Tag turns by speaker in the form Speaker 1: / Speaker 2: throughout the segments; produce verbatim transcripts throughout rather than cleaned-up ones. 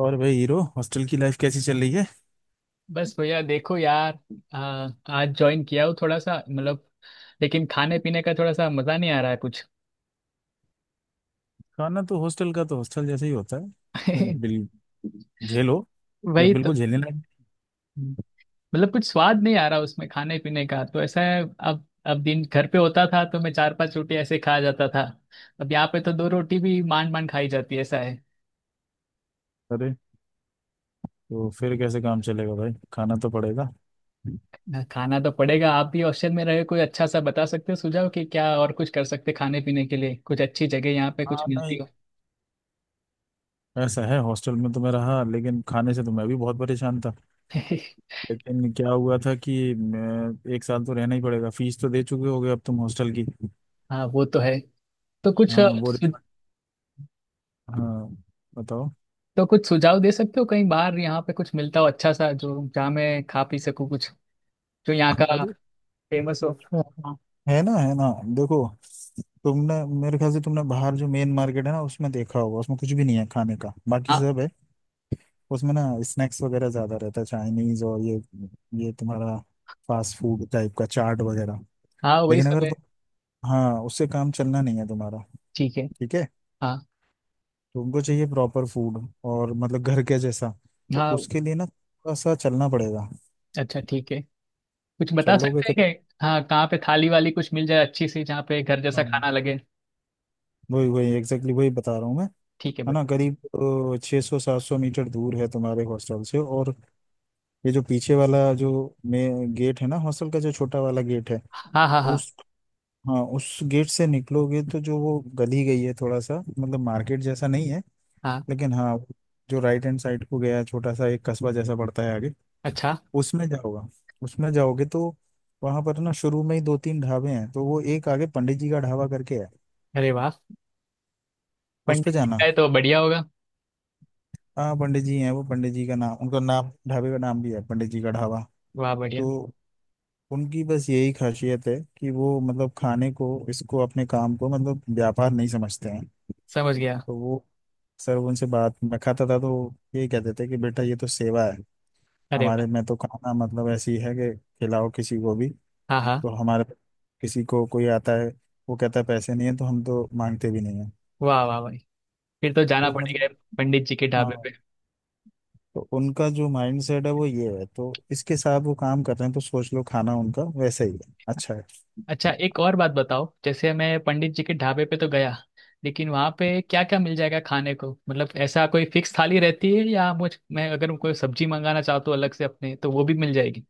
Speaker 1: और भाई, hero hostel की लाइफ कैसी चल रही है?
Speaker 2: बस भैया देखो यार। आ, आज ज्वाइन किया हूँ थोड़ा सा मतलब। लेकिन खाने पीने का थोड़ा सा मजा नहीं आ रहा है कुछ।
Speaker 1: खाना तो हॉस्टल का तो हॉस्टल जैसे ही होता है, बिल झेलो। या
Speaker 2: वही तो।
Speaker 1: बिल्कुल झेलने लायक।
Speaker 2: मतलब कुछ स्वाद नहीं आ रहा उसमें खाने पीने का तो ऐसा है। अब अब दिन घर पे होता था तो मैं चार पांच रोटी ऐसे खा जाता था। अब यहाँ पे तो दो रोटी भी मान मान खाई जाती है ऐसा है।
Speaker 1: अरे, तो फिर कैसे काम चलेगा भाई, खाना तो पड़ेगा।
Speaker 2: ना खाना तो पड़ेगा। आप भी हॉस्टल में रहे, कोई अच्छा सा बता सकते हो सुझाव कि क्या और कुछ कर सकते खाने पीने के लिए, कुछ अच्छी जगह यहाँ पे
Speaker 1: हाँ
Speaker 2: कुछ मिलती
Speaker 1: नहीं,
Speaker 2: हो?
Speaker 1: ऐसा है, हॉस्टल में तो मैं रहा लेकिन खाने से तो मैं भी बहुत परेशान था। लेकिन क्या हुआ था कि मैं, एक साल तो रहना ही पड़ेगा, फीस तो दे चुके होगे अब तुम हॉस्टल की।
Speaker 2: हाँ वो तो है। तो कुछ
Speaker 1: हाँ, वो
Speaker 2: सुझाव,
Speaker 1: रिफंड। हाँ, बताओ।
Speaker 2: तो कुछ सुझाव दे सकते हो कहीं बाहर यहाँ पे कुछ मिलता हो अच्छा सा, जो जहाँ मैं खा पी सकूँ कुछ, जो यहाँ का
Speaker 1: अरे।
Speaker 2: फेमस हो।
Speaker 1: हाँ, है ना, है ना। देखो, तुमने, मेरे ख्याल से तुमने बाहर जो मेन मार्केट है ना, उसमें देखा होगा, उसमें कुछ भी नहीं है खाने का, बाकी
Speaker 2: हाँ।
Speaker 1: सब है। उसमें ना स्नैक्स वगैरह ज्यादा रहता है, चाइनीज, और ये ये तुम्हारा फास्ट फूड टाइप का, चाट वगैरह।
Speaker 2: हाँ, वही
Speaker 1: लेकिन
Speaker 2: सब
Speaker 1: अगर
Speaker 2: है।
Speaker 1: तुम, हाँ, उससे काम चलना नहीं है तुम्हारा।
Speaker 2: ठीक है।
Speaker 1: ठीक है।
Speaker 2: हाँ।
Speaker 1: तुमको चाहिए प्रॉपर फूड, और मतलब घर के जैसा। तो
Speaker 2: हाँ।
Speaker 1: उसके लिए ना थोड़ा सा चलना पड़ेगा।
Speaker 2: अच्छा ठीक है। कुछ बता
Speaker 1: चलोगे
Speaker 2: सकते हैं क्या, हाँ, कहाँ पे थाली वाली कुछ मिल जाए अच्छी सी जहाँ पे घर जैसा
Speaker 1: करीब?
Speaker 2: खाना लगे?
Speaker 1: वही वही एग्जैक्टली वही बता रहा हूँ मैं।
Speaker 2: ठीक है
Speaker 1: है
Speaker 2: बट।
Speaker 1: ना, करीब छः सौ सात सौ मीटर दूर है तुम्हारे हॉस्टल से, और ये जो पीछे वाला जो में गेट है ना, हॉस्टल का जो छोटा वाला गेट है,
Speaker 2: हाँ हाँ हाँ।
Speaker 1: उस हाँ, उस गेट से निकलोगे तो जो वो गली गई है, थोड़ा सा मतलब मार्केट जैसा नहीं है
Speaker 2: हाँ।
Speaker 1: लेकिन, हाँ, जो राइट हैंड साइड को गया है, छोटा सा एक कस्बा जैसा पड़ता है आगे।
Speaker 2: अच्छा।
Speaker 1: उसमें जाओगा उसमें जाओगे तो वहां पर ना शुरू में ही दो तीन ढाबे हैं, तो वो एक आगे पंडित जी का ढाबा करके है,
Speaker 2: अरे वाह,
Speaker 1: उस पे
Speaker 2: पंडित जी
Speaker 1: जाना।
Speaker 2: का है तो बढ़िया होगा।
Speaker 1: हाँ पंडित जी हैं, वो पंडित जी का नाम, उनका नाम, ढाबे का नाम भी है पंडित जी का ढाबा।
Speaker 2: वाह बढ़िया।
Speaker 1: तो उनकी बस यही खासियत है कि वो मतलब खाने को, इसको, अपने काम को मतलब व्यापार नहीं समझते हैं।
Speaker 2: समझ गया।
Speaker 1: तो वो सर, उनसे बात, मैं खाता था तो ये कहते थे कि बेटा, ये तो सेवा है,
Speaker 2: अरे वाह।
Speaker 1: हमारे में तो खाना मतलब ऐसी है कि खिलाओ किसी को भी।
Speaker 2: हाँ हाँ।
Speaker 1: तो हमारे, किसी को, कोई आता है वो कहता है पैसे नहीं है, तो हम तो मांगते भी नहीं है।
Speaker 2: वाह वाह भाई, फिर तो जाना
Speaker 1: तो मतलब,
Speaker 2: पड़ेगा पंडित जी के ढाबे
Speaker 1: हाँ,
Speaker 2: पे।
Speaker 1: तो उनका जो माइंड सेट है वो ये है, तो इसके साथ वो काम कर रहे हैं, तो सोच लो, खाना उनका वैसा ही है, अच्छा है।
Speaker 2: अच्छा एक और बात बताओ, जैसे मैं पंडित जी के ढाबे पे तो गया, लेकिन वहाँ पे क्या क्या मिल जाएगा खाने को? मतलब ऐसा कोई फिक्स थाली रहती है या मुझ मैं अगर कोई सब्जी मंगाना चाहता हूँ अलग से अपने, तो वो भी मिल जाएगी?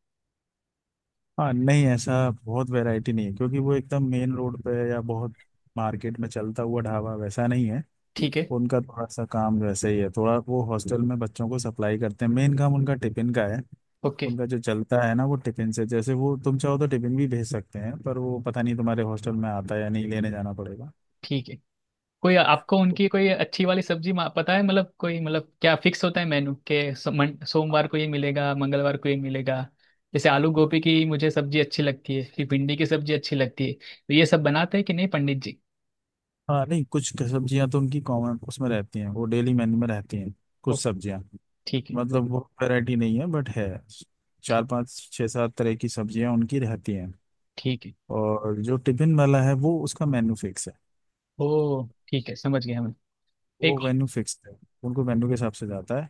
Speaker 1: हाँ नहीं, ऐसा बहुत वैरायटी नहीं है, क्योंकि वो एकदम मेन रोड पे है, या बहुत मार्केट में चलता हुआ ढाबा वैसा नहीं है।
Speaker 2: ठीक है।
Speaker 1: उनका थोड़ा सा काम वैसे ही है, थोड़ा वो हॉस्टल में बच्चों को सप्लाई करते हैं, मेन काम उनका टिफिन का है।
Speaker 2: ओके।
Speaker 1: उनका जो चलता है ना वो टिफिन से, जैसे वो, तुम चाहो तो टिफिन भी भेज सकते हैं, पर वो पता नहीं तुम्हारे हॉस्टल में आता है या नहीं, लेने जाना पड़ेगा।
Speaker 2: ठीक है। कोई आपको उनकी कोई अच्छी वाली सब्जी मा- पता है, मतलब कोई, मतलब क्या फिक्स होता है मेनू के सो, मन- सोमवार को ये मिलेगा मंगलवार को ये मिलेगा? जैसे आलू गोभी की मुझे सब्जी अच्छी लगती है, फिर भिंडी की सब्जी अच्छी लगती है, तो ये सब बनाते हैं कि नहीं पंडित जी?
Speaker 1: हाँ नहीं, कुछ सब्जियां तो उनकी कॉमन उसमें रहती हैं, वो डेली मेन्यू में रहती हैं।
Speaker 2: ओ
Speaker 1: कुछ सब्जियां,
Speaker 2: ठीक है।
Speaker 1: मतलब वो वैरायटी नहीं है बट है, चार
Speaker 2: ठीक,
Speaker 1: पांच छह सात तरह की सब्जियां उनकी रहती हैं।
Speaker 2: ठीक है।
Speaker 1: और जो टिफिन वाला है वो, उसका मेन्यू फिक्स है,
Speaker 2: ओ ठीक है, समझ गया मैं।
Speaker 1: वो
Speaker 2: एक।
Speaker 1: मेन्यू फिक्स है, उनको मेन्यू के हिसाब से जाता है।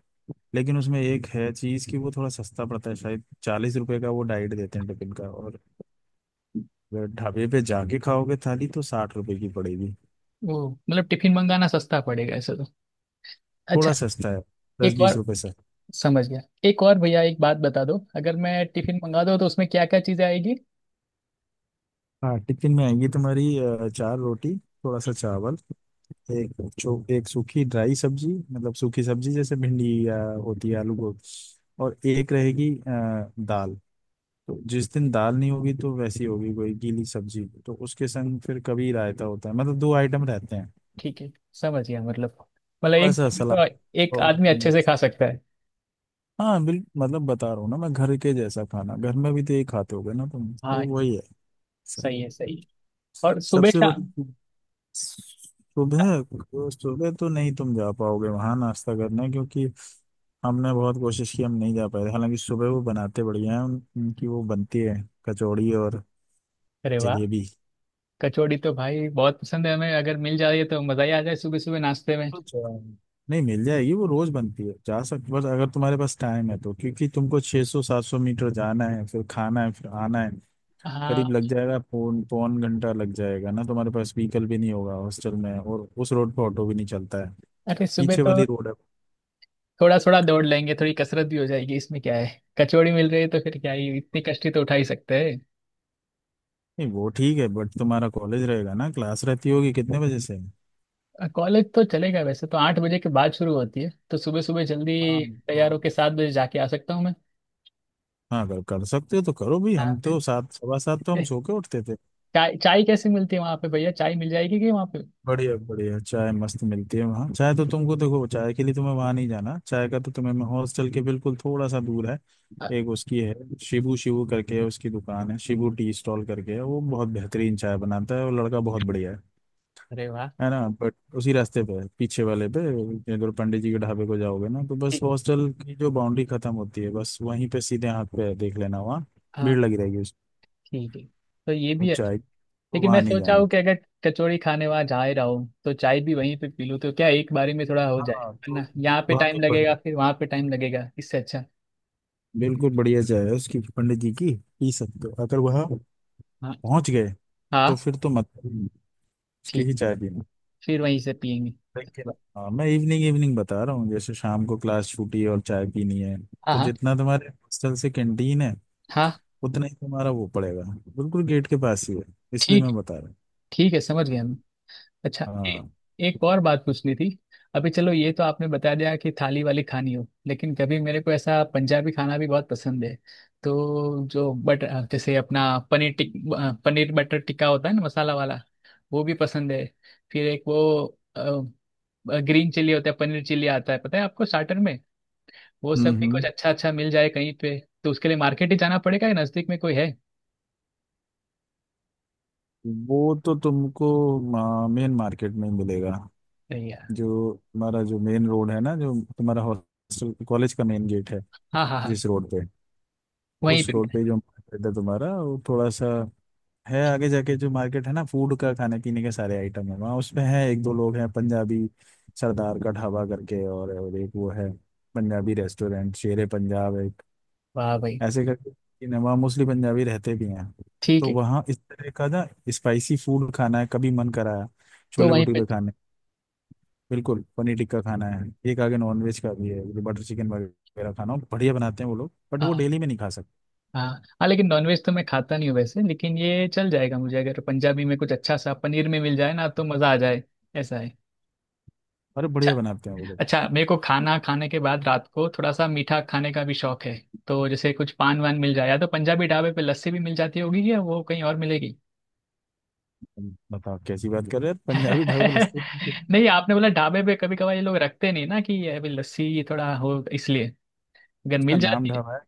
Speaker 1: लेकिन उसमें एक है चीज़ कि वो थोड़ा सस्ता पड़ता है, शायद चालीस रुपए का वो डाइट देते हैं टिफिन का, और अगर ढाबे पे जाके खाओगे थाली तो साठ रुपए की पड़ेगी।
Speaker 2: वो मतलब टिफिन मंगाना सस्ता पड़ेगा ऐसे तो? अच्छा।
Speaker 1: थोड़ा सस्ता है, दस
Speaker 2: एक
Speaker 1: बीस
Speaker 2: और,
Speaker 1: रुपए।
Speaker 2: समझ गया। एक और भैया, एक बात बता दो, अगर मैं टिफिन मंगा दूँ तो उसमें क्या क्या चीज़ें आएगी?
Speaker 1: हाँ, टिफिन में आएगी तुम्हारी अ, चार रोटी, थोड़ा सा
Speaker 2: ठीक।
Speaker 1: चावल, एक, चो एक सूखी ड्राई सब्जी, मतलब सूखी सब्जी जैसे भिंडी, या होती है आलू गोभी, और एक रहेगी अ, दाल। तो जिस दिन दाल नहीं होगी तो वैसी होगी कोई गीली सब्जी, तो उसके संग फिर कभी रायता होता है, मतलब दो आइटम रहते हैं,
Speaker 2: ठीक है। समझ गया मतलब। मतलब
Speaker 1: थोड़ा
Speaker 2: एक।
Speaker 1: सा सलाद
Speaker 2: तो एक
Speaker 1: और
Speaker 2: आदमी अच्छे से
Speaker 1: मिक्स।
Speaker 2: खा सकता है?
Speaker 1: हाँ बिल्कुल, मतलब बता रहा हूँ ना मैं, घर के जैसा खाना, घर में भी तो यही खाते होगे ना तुम,
Speaker 2: हाँ,
Speaker 1: तो वही है। सब-
Speaker 2: सही है सही है। और सुबह
Speaker 1: सबसे बड़ी,
Speaker 2: शाम?
Speaker 1: सुबह, सुबह तो नहीं तुम जा पाओगे वहां नाश्ता करने, क्योंकि हमने बहुत कोशिश की, हम नहीं जा पाए थे। हालांकि सुबह वो बनाते बढ़िया हैं, उन- उनकी वो बनती है कचौड़ी और
Speaker 2: अरे वाह।
Speaker 1: जलेबी।
Speaker 2: कचौड़ी तो भाई बहुत पसंद है हमें, अगर मिल जाए तो मज़ा ही आ जाए सुबह सुबह नाश्ते में।
Speaker 1: अच्छा, नहीं मिल जाएगी, वो रोज बनती है, जा सकते, बस अगर तुम्हारे पास टाइम है तो, क्योंकि तुमको छः सौ सात सौ मीटर जाना है, फिर खाना है, फिर आना है, करीब
Speaker 2: हाँ।
Speaker 1: लग जाएगा पौन पौन घंटा लग जाएगा ना, तुम्हारे पास व्हीकल भी नहीं होगा हॉस्टल में, और उस रोड पे ऑटो भी नहीं चलता है,
Speaker 2: अरे सुबह
Speaker 1: पीछे
Speaker 2: तो
Speaker 1: वाली रोड है।
Speaker 2: थोड़ा थोड़ा दौड़ लेंगे, थोड़ी कसरत भी हो जाएगी, इसमें क्या है, कचौड़ी मिल रही है तो फिर क्या ही, इतनी कष्टी तो उठा ही सकते हैं।
Speaker 1: नहीं, वो ठीक है बट तुम्हारा कॉलेज रहेगा ना, क्लास रहती होगी कितने बजे से?
Speaker 2: कॉलेज तो चलेगा, वैसे तो आठ बजे के बाद शुरू होती है, तो सुबह सुबह
Speaker 1: हाँ,
Speaker 2: जल्दी
Speaker 1: तो
Speaker 2: तैयार होके सात बजे जाके आ सकता हूँ मैं।
Speaker 1: हाँ, अगर कर सकते हो तो करो भी, हम
Speaker 2: हाँ।
Speaker 1: तो सात सवा सात तो हम
Speaker 2: ए,
Speaker 1: सो के उठते थे।
Speaker 2: चाय, चाय कैसे मिलती है वहाँ पे भैया? चाय मिल जाएगी कि वहाँ पे?
Speaker 1: बढ़िया बढ़िया चाय मस्त मिलती है वहाँ, चाय तो तुमको, देखो, चाय के लिए तुम्हें वहाँ नहीं जाना, चाय का तो तुम्हें, मैं, हॉस्टल के बिल्कुल, थोड़ा सा दूर है,
Speaker 2: अ-
Speaker 1: एक उसकी है, शिबू, शिबू करके है, उसकी दुकान है, शिबू टी स्टॉल करके है, वो बहुत बेहतरीन चाय बनाता है, वो लड़का बहुत बढ़िया है।
Speaker 2: अरे वाह।
Speaker 1: है ना, बट उसी रास्ते पे है, पीछे वाले पे। अगर पंडित जी के ढाबे को जाओगे ना, तो बस
Speaker 2: ठीक।
Speaker 1: हॉस्टल की जो बाउंड्री खत्म होती है, बस वहीं पे सीधे हाथ पे है, देख लेना वहाँ
Speaker 2: हाँ।
Speaker 1: भीड़ लगी रहेगी उस
Speaker 2: ठीक है, तो ये भी
Speaker 1: उस
Speaker 2: है।
Speaker 1: चाय की, तो
Speaker 2: लेकिन
Speaker 1: वहाँ
Speaker 2: मैं
Speaker 1: नहीं
Speaker 2: सोचा
Speaker 1: जाना
Speaker 2: हूँ
Speaker 1: था।
Speaker 2: कि अगर कचौड़ी खाने वहाँ जा ही रहा हूँ तो चाय भी वहीं पे पी लूँ, तो क्या एक बारी में थोड़ा हो जाए।
Speaker 1: हाँ,
Speaker 2: है
Speaker 1: तो
Speaker 2: ना, यहाँ पे
Speaker 1: वहाँ के
Speaker 2: टाइम
Speaker 1: बढ़िया,
Speaker 2: लगेगा फिर वहाँ पे टाइम लगेगा, इससे अच्छा।
Speaker 1: बिल्कुल बढ़िया चाय है उसकी पंडित जी की, पी सकते हो, अगर वहाँ
Speaker 2: हाँ।
Speaker 1: पहुँच गए तो
Speaker 2: हाँ।
Speaker 1: फिर तो मत, उसकी
Speaker 2: ठीक,
Speaker 1: ही चाय पीना।
Speaker 2: फिर वहीं से पियेंगे।
Speaker 1: देखिए, हाँ, मैं इवनिंग इवनिंग बता रहा हूँ, जैसे शाम को क्लास छूटी है और चाय पीनी है,
Speaker 2: हाँ
Speaker 1: तो
Speaker 2: हाँ।
Speaker 1: जितना तुम्हारे हॉस्टल से कैंटीन है
Speaker 2: हाँ।
Speaker 1: उतना ही तुम्हारा वो पड़ेगा, बिल्कुल गेट के पास ही है, इसलिए
Speaker 2: ठीक।
Speaker 1: मैं बता रहा हूँ।
Speaker 2: ठीक है, समझ गया मैं। अच्छा ए,
Speaker 1: हाँ।
Speaker 2: एक और बात पूछनी थी। अभी चलो ये तो आपने बता दिया कि थाली वाली खानी हो, लेकिन कभी मेरे को ऐसा पंजाबी खाना भी बहुत पसंद है। तो जो बट जैसे अपना पनीर टिक अ, पनीर बटर टिक्का होता है ना मसाला वाला, वो भी पसंद है। फिर एक वो ग्रीन चिली होता है, पनीर चिली आता है, पता है आपको, स्टार्टर में, वो
Speaker 1: हम्म,
Speaker 2: सब भी कुछ
Speaker 1: हम्म।
Speaker 2: अच्छा अच्छा मिल जाए कहीं पे। तो उसके लिए मार्केट ही जाना पड़ेगा या नजदीक में कोई है?
Speaker 1: वो तो तुमको मेन मार्केट में ही मिलेगा,
Speaker 2: नहीं।
Speaker 1: जो तुम्हारा जो मेन रोड है ना, जो तुम्हारा हॉस्टल कॉलेज का मेन गेट है,
Speaker 2: हाँ हाँ हाँ।
Speaker 1: जिस रोड पे,
Speaker 2: वहीं
Speaker 1: उस
Speaker 2: पे
Speaker 1: रोड
Speaker 2: मिला।
Speaker 1: पे जो मार्केट है तुम्हारा, वो थोड़ा सा है आगे जाके, जो मार्केट है ना फूड का, खाने पीने के सारे आइटम है वहाँ, उसमें है एक दो लोग हैं, पंजाबी सरदार का ढाबा करके, और, और एक वो है पंजाबी रेस्टोरेंट, शेरे पंजाब है
Speaker 2: वाह भाई।
Speaker 1: ऐसे करके, कि नवा मोस्टली पंजाबी रहते भी हैं।
Speaker 2: ठीक
Speaker 1: तो
Speaker 2: है।
Speaker 1: वहाँ इस तरह का ना, स्पाइसी फूड खाना है कभी मन कराया,
Speaker 2: तो
Speaker 1: छोले
Speaker 2: वहीं पे।
Speaker 1: भटूरे खाने, बिल्कुल पनीर टिक्का खाना है। एक आगे नॉनवेज का भी है, जो बटर चिकन वगैरह खाना हो, बढ़िया बनाते हैं वो लोग, बट वो
Speaker 2: हाँ
Speaker 1: डेली में नहीं खा सकते।
Speaker 2: हाँ। हाँ। लेकिन नॉनवेज तो मैं खाता नहीं हूँ वैसे, लेकिन ये चल जाएगा मुझे, अगर पंजाबी में कुछ अच्छा सा पनीर में मिल जाए ना तो मज़ा आ जाए। ऐसा है।
Speaker 1: अरे,
Speaker 2: अच्छा।
Speaker 1: बढ़िया बनाते हैं वो लोग।
Speaker 2: अच्छा मेरे को खाना खाने के बाद रात को थोड़ा सा मीठा खाने का भी शौक है। तो जैसे कुछ पान वान मिल जाए, या तो पंजाबी ढाबे पे लस्सी भी मिल जाती होगी, या वो कहीं और मिलेगी?
Speaker 1: तुम बताओ कैसी बात कर रहे हैं, पंजाबी ढाबे पे लस्सी!
Speaker 2: नहीं आपने बोला ढाबे पे, कभी कभार ये लोग रखते नहीं ना कि ये, अभी लस्सी थोड़ा हो इसलिए, अगर
Speaker 1: उसका
Speaker 2: मिल
Speaker 1: नाम
Speaker 2: जाती है।
Speaker 1: ढाबा है,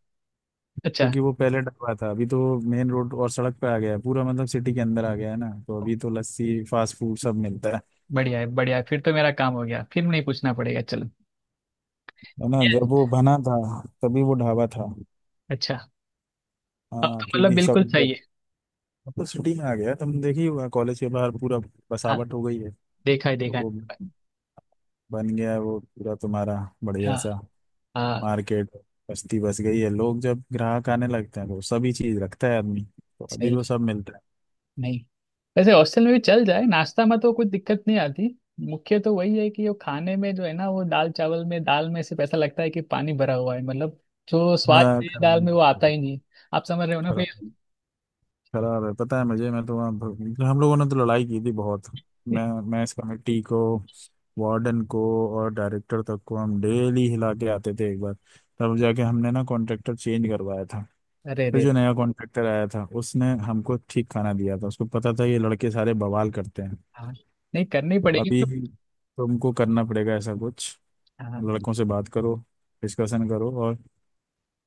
Speaker 2: अच्छा।
Speaker 1: क्योंकि वो पहले ढाबा था, अभी तो मेन रोड और सड़क पे आ गया है पूरा, मतलब सिटी के अंदर आ गया है ना, तो अभी तो लस्सी, फास्ट फूड, सब मिलता है।
Speaker 2: बढ़िया है बढ़िया है, फिर तो मेरा काम हो गया, फिर नहीं पूछना पड़ेगा, चलो।
Speaker 1: है ना,
Speaker 2: ये-
Speaker 1: जब वो बना था तभी वो ढाबा था।
Speaker 2: अच्छा। अब तो
Speaker 1: हाँ
Speaker 2: मतलब
Speaker 1: क्योंकि
Speaker 2: बिल्कुल सही
Speaker 1: सब,
Speaker 2: है।
Speaker 1: अब तो सिटी में आ गया, तुम देखी हुआ कॉलेज के बाहर पूरा
Speaker 2: हाँ।
Speaker 1: बसावट हो गई है,
Speaker 2: देखा है
Speaker 1: तो
Speaker 2: देखा
Speaker 1: वो
Speaker 2: है।
Speaker 1: बन गया है वो पूरा तुम्हारा बढ़िया
Speaker 2: हाँ।
Speaker 1: सा
Speaker 2: हाँ।
Speaker 1: मार्केट, बस्ती बस गई है, लोग जब ग्राहक आने लगते हैं तो सभी चीज रखता है आदमी, तो अभी वो
Speaker 2: सही।
Speaker 1: सब मिलता है।
Speaker 2: नहीं, वैसे हॉस्टल में भी चल जाए, नाश्ता में तो कुछ दिक्कत नहीं आती। मुख्य तो वही है कि वो खाने में जो है ना वो दाल चावल में, दाल में सिर्फ ऐसा लगता है कि पानी भरा हुआ है मतलब, जो स्वाद
Speaker 1: हाँ,
Speaker 2: है दाल में वो
Speaker 1: खराब,
Speaker 2: आता ही नहीं। आप समझ रहे हो ना
Speaker 1: खराब,
Speaker 2: भैया?
Speaker 1: खराब है, पता है मुझे, मैं तो वहाँ भर- हम लोगों ने तो लड़ाई की थी बहुत, मैं मैं इस कमेटी को, वार्डन को, और डायरेक्टर तक को हम डेली हिला के आते थे एक बार, तब जाके हमने ना कॉन्ट्रैक्टर चेंज करवाया था।
Speaker 2: अरे
Speaker 1: फिर
Speaker 2: रे।
Speaker 1: जो नया कॉन्ट्रैक्टर आया था उसने हमको ठीक खाना दिया था, उसको पता था ये लड़के सारे बवाल करते हैं।
Speaker 2: हाँ, नहीं करनी
Speaker 1: तो
Speaker 2: पड़ेगी
Speaker 1: अभी
Speaker 2: तो।
Speaker 1: तुमको करना पड़ेगा ऐसा कुछ,
Speaker 2: हाँ।
Speaker 1: लड़कों से बात करो, डिस्कशन करो, और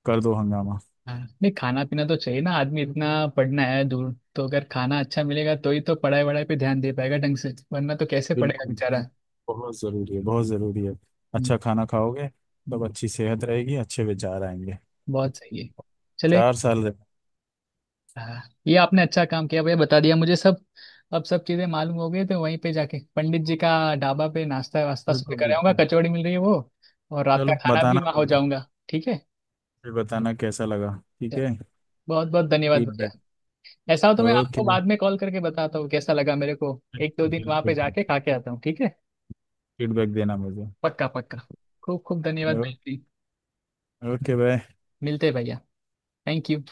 Speaker 1: कर दो हंगामा।
Speaker 2: हाँ, नहीं खाना पीना तो चाहिए ना आदमी, इतना पढ़ना है दूर, तो अगर खाना अच्छा मिलेगा तो ही तो पढ़ाई वढ़ाई पे ध्यान दे पाएगा ढंग से, वरना तो कैसे पढ़ेगा
Speaker 1: बिल्कुल
Speaker 2: बेचारा।
Speaker 1: बिल्कुल, बहुत ज़रूरी है, बहुत ज़रूरी है।
Speaker 2: हम्म,
Speaker 1: अच्छा खाना खाओगे तब
Speaker 2: हम्म,
Speaker 1: अच्छी सेहत रहेगी, अच्छे विचार आएंगे।
Speaker 2: बहुत सही है। चले।
Speaker 1: चार साल रहे।
Speaker 2: हाँ, ये आपने अच्छा काम किया भैया, बता दिया मुझे सब। अब सब चीजें मालूम हो गई, तो वहीं पे जाके पंडित जी का ढाबा पे नाश्ता वास्ता सब
Speaker 1: बिल्कुल
Speaker 2: कर आऊंगा,
Speaker 1: बिल्कुल,
Speaker 2: कचौड़ी मिल रही है वो, और रात का
Speaker 1: चलो,
Speaker 2: खाना भी
Speaker 1: बताना
Speaker 2: वहाँ हो
Speaker 1: मुझे,
Speaker 2: जाऊंगा, ठीक है।
Speaker 1: फिर बताना कैसा लगा, ठीक है?
Speaker 2: बहुत बहुत धन्यवाद भैया।
Speaker 1: फीडबैक।
Speaker 2: ऐसा हो तो मैं आपको
Speaker 1: ओके,
Speaker 2: बाद में कॉल करके बताता हूँ कैसा लगा मेरे को। एक दो
Speaker 1: बिल्कुल
Speaker 2: दिन वहाँ पे
Speaker 1: बिल्कुल,
Speaker 2: जाके खा के आता हूँ, ठीक है।
Speaker 1: फीडबैक देना मुझे।
Speaker 2: पक्का पक्का। खूब खूब धन्यवाद भाई जी।
Speaker 1: Okay, bye.
Speaker 2: मिलते हैं भैया। Thank you.